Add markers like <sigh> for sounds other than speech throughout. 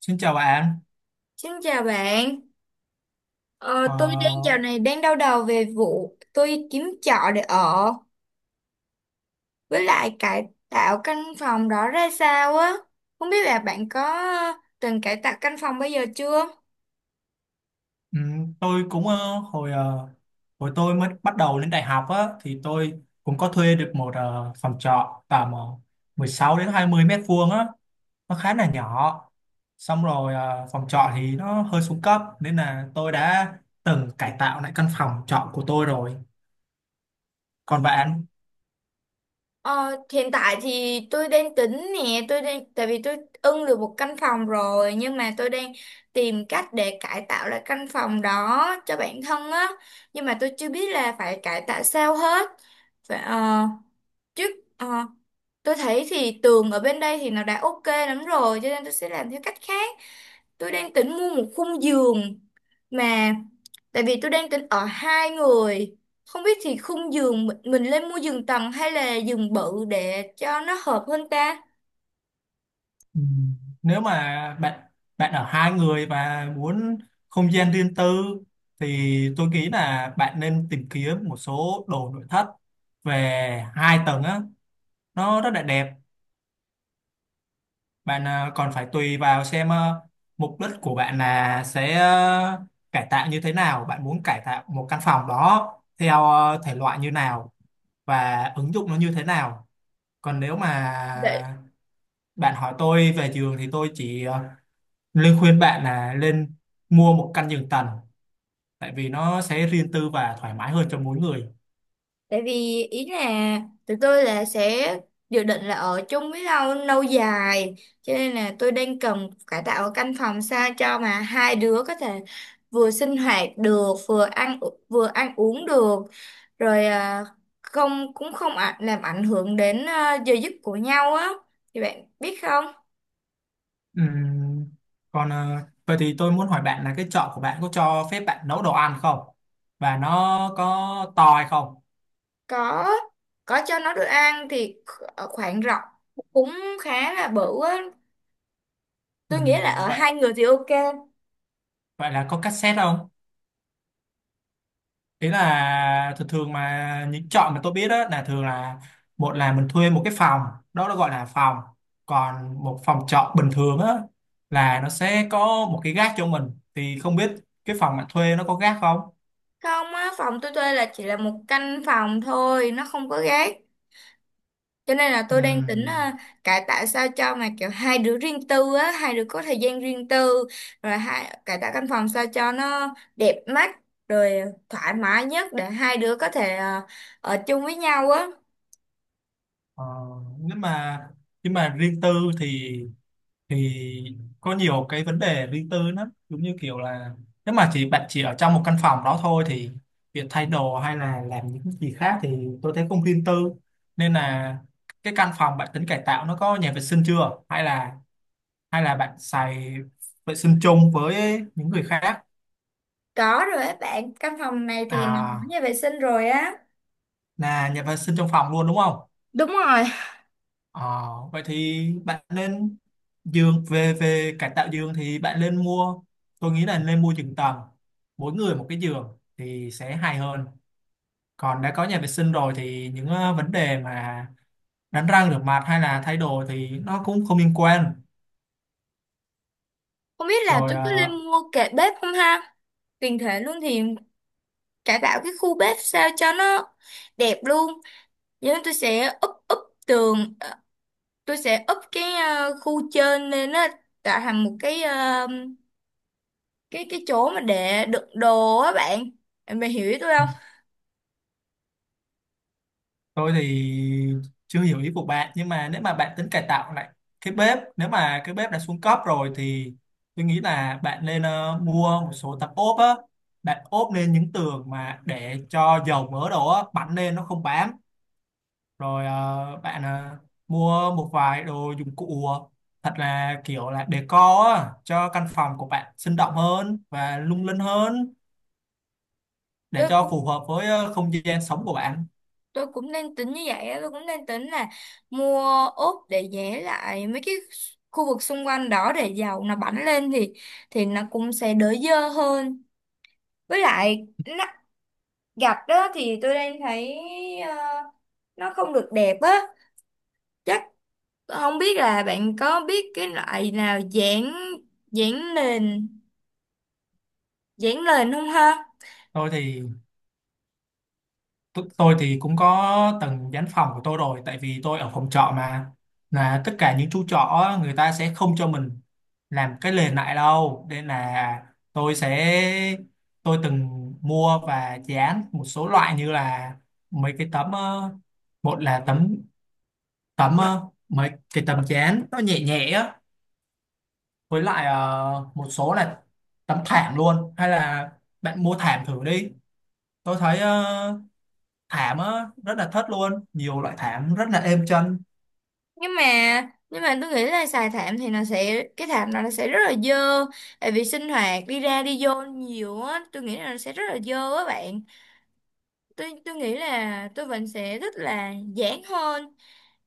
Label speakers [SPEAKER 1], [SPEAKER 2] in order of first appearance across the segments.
[SPEAKER 1] Xin chào bạn.
[SPEAKER 2] Xin chào bạn, ờ, tôi đang dạo
[SPEAKER 1] Ờ,
[SPEAKER 2] này đang đau đầu về vụ tôi kiếm trọ để ở với lại cải tạo căn phòng đó ra sao á. Không biết là bạn có từng cải tạo căn phòng bây giờ chưa?
[SPEAKER 1] tôi cũng hồi tôi mới bắt đầu lên đại học á thì tôi cũng có thuê được một phòng trọ tầm 16 đến 20 mét vuông á, nó khá là nhỏ. Xong rồi phòng trọ thì nó hơi xuống cấp nên là tôi đã từng cải tạo lại căn phòng trọ của tôi rồi. Còn bạn?
[SPEAKER 2] Ờ, Hiện tại thì tôi đang tính nè, tôi đang tại vì tôi ưng được một căn phòng rồi, nhưng mà tôi đang tìm cách để cải tạo lại căn phòng đó cho bản thân á, nhưng mà tôi chưa biết là phải cải tạo sao hết. Phải, ờ, chứ ờ, Tôi thấy thì tường ở bên đây thì nó đã ok lắm rồi, cho nên tôi sẽ làm theo cách khác. Tôi đang tính mua một khung giường, mà tại vì tôi đang tính ở hai người, không biết thì khung giường mình lên mua giường tầng hay là giường bự để cho nó hợp hơn ta.
[SPEAKER 1] Ừ. Nếu mà bạn bạn ở hai người và muốn không gian riêng tư thì tôi nghĩ là bạn nên tìm kiếm một số đồ nội thất về hai tầng á, nó rất là đẹp bạn à, còn phải tùy vào xem à, mục đích của bạn là sẽ à, cải tạo như thế nào, bạn muốn cải tạo một căn phòng đó theo à, thể loại như nào và ứng dụng nó như thế nào. Còn nếu mà bạn hỏi tôi về giường thì tôi chỉ Linh khuyên bạn là nên mua một căn giường tầng tại vì nó sẽ riêng tư và thoải mái hơn cho mỗi người.
[SPEAKER 2] Tại vì ý là tụi tôi là sẽ dự định là ở chung với nhau lâu dài, cho nên là tôi đang cần cải tạo ở căn phòng sao cho mà hai đứa có thể vừa sinh hoạt được, vừa ăn uống được, rồi à, không cũng không ạ- làm ảnh hưởng đến giờ giấc của nhau á, thì bạn biết không.
[SPEAKER 1] Ừm, còn vậy thì tôi muốn hỏi bạn là cái chợ của bạn có cho phép bạn nấu đồ ăn không? Và nó có to hay không?
[SPEAKER 2] có có cho nó được ăn thì ở khoảng rộng cũng khá là bự á, tôi nghĩ là ở
[SPEAKER 1] Vậy
[SPEAKER 2] hai người thì ok.
[SPEAKER 1] vậy là có cassette không? Ý là thường thường mà những chọn mà tôi biết đó là thường là một là mình thuê một cái phòng, đó nó gọi là phòng, còn một phòng trọ bình thường á là nó sẽ có một cái gác cho mình, thì không biết cái phòng bạn thuê nó có gác không.
[SPEAKER 2] Không á, phòng tôi thuê là chỉ là một căn phòng thôi, nó không có gác. Cho nên là tôi đang tính
[SPEAKER 1] Ừm,
[SPEAKER 2] cải tạo sao cho mà kiểu hai đứa riêng tư á, hai đứa có thời gian riêng tư, rồi hai cải tạo căn phòng sao cho nó đẹp mắt, rồi thoải mái nhất để hai đứa có thể ở chung với nhau á.
[SPEAKER 1] ờ, nhưng mà nhưng mà riêng tư thì thì có nhiều cái vấn đề riêng tư lắm, giống như kiểu là nếu mà chỉ bạn chỉ ở trong một căn phòng đó thôi thì việc thay đồ hay là làm những gì khác thì tôi thấy không riêng tư. Nên là cái căn phòng bạn tính cải tạo nó có nhà vệ sinh chưa, hay là bạn xài vệ sinh chung với những người khác?
[SPEAKER 2] Có rồi á bạn, căn phòng này thì nó có
[SPEAKER 1] À,
[SPEAKER 2] nhà vệ sinh rồi á.
[SPEAKER 1] là nhà vệ sinh trong phòng luôn đúng không?
[SPEAKER 2] Đúng rồi,
[SPEAKER 1] Ờ, vậy thì bạn nên giường về về cải tạo giường thì bạn nên mua, tôi nghĩ là nên mua giường tầng, mỗi người một cái giường thì sẽ hay hơn. Còn đã có nhà vệ sinh rồi thì những vấn đề mà đánh răng rửa mặt hay là thay đồ thì nó cũng không liên quan.
[SPEAKER 2] không biết là
[SPEAKER 1] rồi
[SPEAKER 2] tôi có nên
[SPEAKER 1] ờ,
[SPEAKER 2] mua kệ bếp không ha? Tiền thể luôn thì cải tạo cái khu bếp sao cho nó đẹp luôn. Vậy nên tôi sẽ úp úp tường, tôi sẽ úp cái khu trên lên á, tạo thành một cái cái chỗ mà để đựng đồ á bạn. Em mày hiểu ý tôi không?
[SPEAKER 1] Tôi thì chưa hiểu ý của bạn nhưng mà nếu mà bạn tính cải tạo lại cái bếp nếu mà cái bếp đã xuống cấp rồi thì tôi nghĩ là bạn nên ờ, mua một số tấm ốp á bạn ốp lên những tường mà để cho dầu mỡ đồ á bắn lên nó không bám rồi ờ, bạn ờ, mua một vài đồ dụng cụ thật là kiểu là decor á cho căn phòng của bạn sinh động hơn và lung linh hơn để
[SPEAKER 2] tôi
[SPEAKER 1] cho
[SPEAKER 2] cũng
[SPEAKER 1] phù hợp với ờ, không gian sống của bạn
[SPEAKER 2] tôi cũng đang tính như vậy á, tôi cũng đang tính là mua ốp để vẽ lại mấy cái khu vực xung quanh đó, để dầu nó bắn lên thì nó cũng sẽ đỡ dơ hơn. Với lại nó, gạch đó thì tôi đang thấy ờ, nó không được đẹp á. Chắc không biết là bạn có biết cái loại nào giảng giảng nền giảng nền không ha?
[SPEAKER 1] tôi thì tôi thì cũng có từng dán phòng của tôi rồi tại vì tôi ở phòng trọ mà, là tất cả những chú trọ á, người ta sẽ không cho mình làm cái nền lại đâu nên là tôi sẽ tôi từng mua và dán một số loại như là mấy cái tấm một là tấm tấm ờ, mấy cái tấm dán nó nhẹ nhẹ á, với lại một số là tấm thảm luôn, hay là bạn mua thảm thử đi. Tôi thấy thảm á rất là thất luôn, nhiều loại thảm rất là êm chân.
[SPEAKER 2] Nhưng mà nhưng mà tôi nghĩ là xài thảm thì nó sẽ cái thảm nó sẽ rất là dơ, tại vì sinh hoạt đi ra đi vô nhiều á, tôi nghĩ là nó sẽ rất là dơ á bạn. Tôi nghĩ là tôi vẫn sẽ thích là giảng hơn,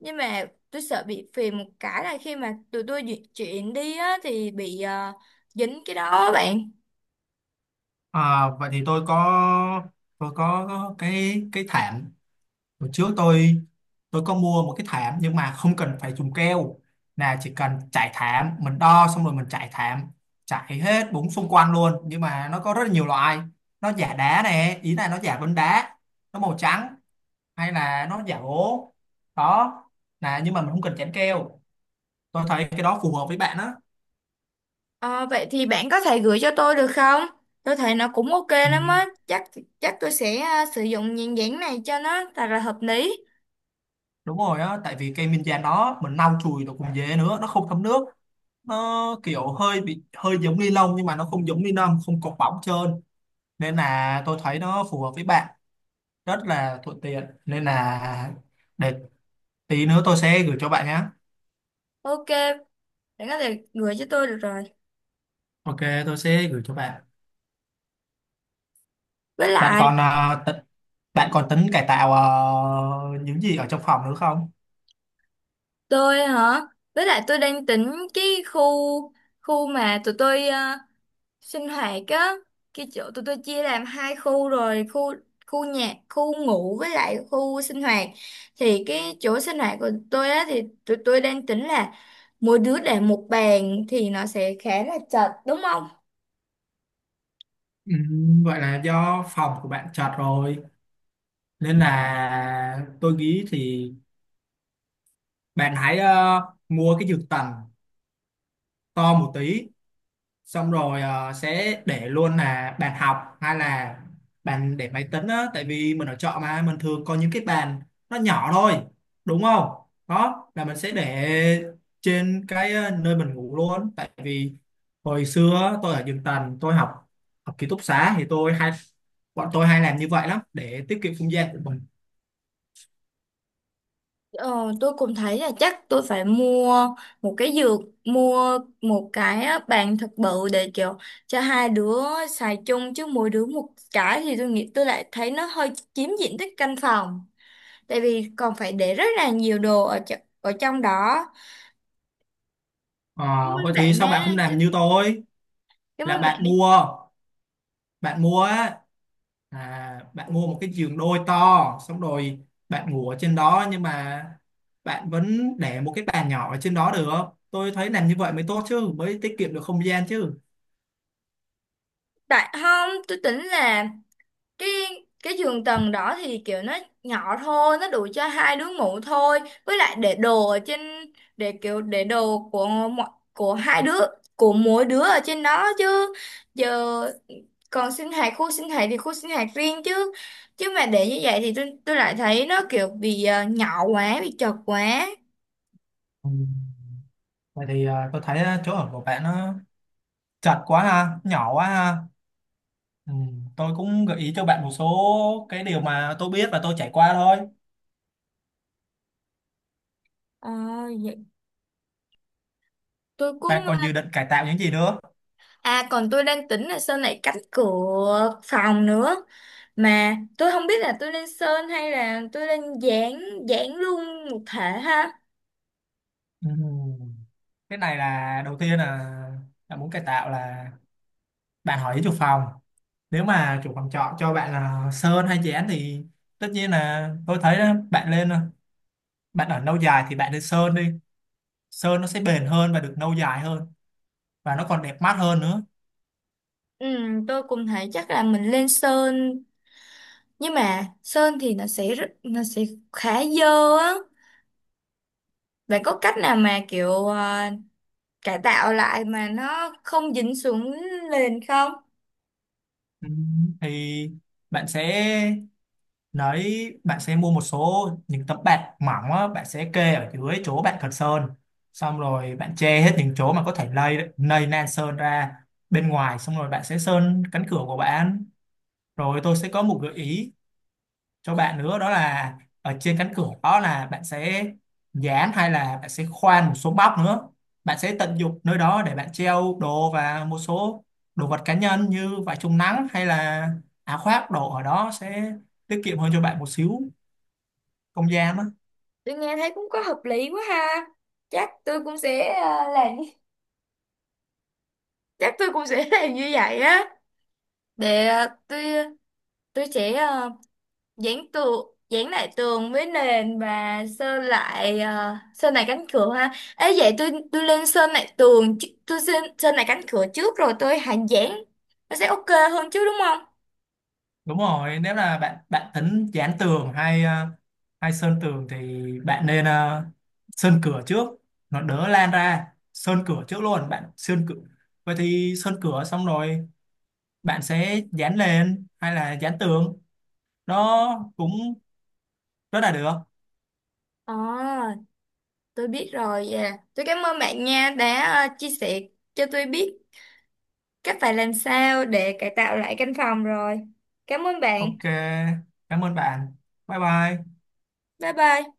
[SPEAKER 2] nhưng mà tôi sợ bị phiền một cái là khi mà tụi tôi di chuyển đi á thì bị dính cái đó á bạn.
[SPEAKER 1] À, vậy thì tôi có cái cái thảm, hồi trước tôi có mua một cái thảm nhưng mà không cần phải dùng keo, là chỉ cần trải thảm, mình đo xong rồi mình trải thảm, trải hết bốn xung quanh luôn. Nhưng mà nó có rất là nhiều loại, nó giả đá nè, ý là nó giả vân đá, nó màu trắng, hay là nó giả gỗ đó, là nhưng mà mình không cần chắn keo. Tôi thấy cái đó phù hợp với bạn đó.
[SPEAKER 2] Ờ, vậy thì bạn có thể gửi cho tôi được không? Tôi thấy nó cũng ok
[SPEAKER 1] Ừ,
[SPEAKER 2] lắm á. Chắc Chắc tôi sẽ sử dụng nhãn dán này cho nó thật là hợp lý.
[SPEAKER 1] đúng rồi á, tại vì cây minh giang đó mình lau chùi nó cũng dễ nữa, nó không thấm nước, nó kiểu hơi bị hơi giống ni lông nhưng mà nó không giống ni lông, không cọc bóng trơn, nên là tôi thấy nó phù hợp với bạn, rất là thuận tiện. Nên là để tí nữa tôi sẽ gửi cho bạn nhé.
[SPEAKER 2] Ok, bạn có thể gửi cho tôi được rồi.
[SPEAKER 1] Ok, tôi sẽ gửi cho bạn.
[SPEAKER 2] Với
[SPEAKER 1] Bạn
[SPEAKER 2] lại
[SPEAKER 1] còn bạn còn tính cải tạo những gì ở trong phòng nữa không?
[SPEAKER 2] tôi hả? Với lại tôi đang tính cái khu khu mà tụi tôi sinh hoạt á, cái chỗ tụi tôi chia làm hai khu rồi, khu khu nhà, khu ngủ với lại khu sinh hoạt. Thì cái chỗ sinh hoạt của tôi á thì tụi tôi đang tính là mỗi đứa để một bàn thì nó sẽ khá là chật đúng không.
[SPEAKER 1] Ừ, vậy là do phòng của bạn chật rồi nên là tôi nghĩ thì bạn hãy mua cái dược tần to một tí, xong rồi sẽ để luôn là bàn học hay là bàn để máy tính á, tại vì mình ở trọ mà mình thường có những cái bàn nó nhỏ thôi đúng không. Đó là mình sẽ để trên cái nơi mình ngủ luôn, tại vì hồi xưa á, tôi ở giường tầng, tôi học học ký túc xá thì tôi hay bọn tôi hay làm như vậy lắm để tiết kiệm không gian của mình.
[SPEAKER 2] Ờ, tôi cũng thấy là chắc tôi phải mua một cái giường, mua một cái á, bàn thật bự để kiểu cho hai đứa xài chung, chứ mỗi đứa một cái thì tôi nghĩ, tôi lại thấy nó hơi chiếm diện tích căn phòng, tại vì còn phải để rất là nhiều đồ ở ở trong đó.
[SPEAKER 1] Ờ,
[SPEAKER 2] cảm ơn
[SPEAKER 1] vậy thì
[SPEAKER 2] bạn
[SPEAKER 1] sao bạn
[SPEAKER 2] đã
[SPEAKER 1] không làm như tôi
[SPEAKER 2] Cảm
[SPEAKER 1] là
[SPEAKER 2] ơn bạn đã
[SPEAKER 1] bạn mua bạn mua một cái giường đôi to, xong rồi bạn ngủ ở trên đó nhưng mà bạn vẫn để một cái bàn nhỏ ở trên đó được. Tôi thấy làm như vậy mới tốt chứ, mới tiết kiệm được không gian chứ.
[SPEAKER 2] tại không, tôi tính là cái cái giường tầng đó thì kiểu nó nhỏ thôi, nó đủ cho hai đứa ngủ thôi, với lại để đồ ở trên, để kiểu để đồ của mọi của hai đứa của mỗi đứa ở trên đó chứ. Giờ còn sinh hoạt khu sinh hoạt thì khu sinh hoạt riêng chứ, chứ mà để như vậy thì tôi lại thấy nó kiểu bị nhỏ quá, bị chật quá.
[SPEAKER 1] Ừ. Vậy thì à, tôi thấy à, chỗ ở của bạn nó chật quá ha, nhỏ quá ha. Ừ. Tôi cũng gợi ý cho bạn một số cái điều mà tôi biết và tôi trải qua thôi.
[SPEAKER 2] Ờ, vậy tôi cũng.
[SPEAKER 1] Bạn còn dự định cải tạo những gì nữa?
[SPEAKER 2] À, còn tôi đang tính là sơn lại cánh cửa phòng nữa. Mà tôi không biết là tôi nên sơn hay là tôi nên dán, dán luôn một thể ha.
[SPEAKER 1] Ừ. Cái này là đầu tiên là bạn muốn cải tạo là bạn hỏi ý chủ phòng, nếu mà chủ phòng trọ cho bạn là sơn hay chén thì tất nhiên là tôi thấy đó, bạn lên, bạn ở lâu dài thì bạn lên sơn đi, sơn nó sẽ bền hơn và được lâu dài hơn, và nó còn đẹp mắt hơn nữa.
[SPEAKER 2] Ừ, tôi cũng thấy chắc là mình lên sơn. Nhưng mà sơn thì nó sẽ rất, nó sẽ khá dơ á. Bạn có cách nào mà kiểu cải tạo lại mà nó không dính xuống nền không?
[SPEAKER 1] Ừ, thì bạn sẽ bạn sẽ mua một số những tấm bạt mỏng á, bạn sẽ kê ở dưới chỗ bạn cần sơn, xong rồi bạn che hết những chỗ mà có thể lây lây nan sơn ra bên ngoài, xong rồi bạn sẽ sơn cánh cửa của bạn. Rồi tôi sẽ có một gợi ý cho bạn nữa đó là ở trên cánh cửa đó là bạn sẽ dán hay là bạn sẽ khoan một số móc nữa, bạn sẽ tận dụng nơi đó để bạn treo đồ và một số đồ vật cá nhân như vải chống nắng hay là áo khoác đồ ở đó sẽ tiết kiệm hơn cho bạn một xíu không gian đó.
[SPEAKER 2] Tôi nghe thấy cũng có hợp lý quá ha. Chắc tôi cũng sẽ làm. Chắc tôi cũng sẽ <laughs> làm như vậy á, để tôi sẽ dán lại tường với nền và sơn lại sơn lại cánh cửa ha. Ấy vậy, tôi lên sơn lại tường chứ- tôi sơn sơn lại cánh cửa trước, rồi tôi hạ dán, nó sẽ ok hơn chứ đúng không.
[SPEAKER 1] Đúng rồi, nếu là bạn bạn tính dán tường hay hay sơn tường thì bạn nên sơn cửa trước, nó đỡ lan ra. Sơn cửa trước luôn, bạn sơn cửa, vậy thì sơn cửa xong rồi bạn sẽ dán lên hay là dán tường nó cũng rất là được.
[SPEAKER 2] Ờ, tôi biết rồi. Dạ. Tôi cảm ơn bạn nha, đã chia sẻ cho tôi biết cách phải làm sao để cải tạo lại căn phòng rồi. Cảm ơn
[SPEAKER 1] Ok,
[SPEAKER 2] bạn.
[SPEAKER 1] cảm ơn bạn. Bye bye.
[SPEAKER 2] Bye bye.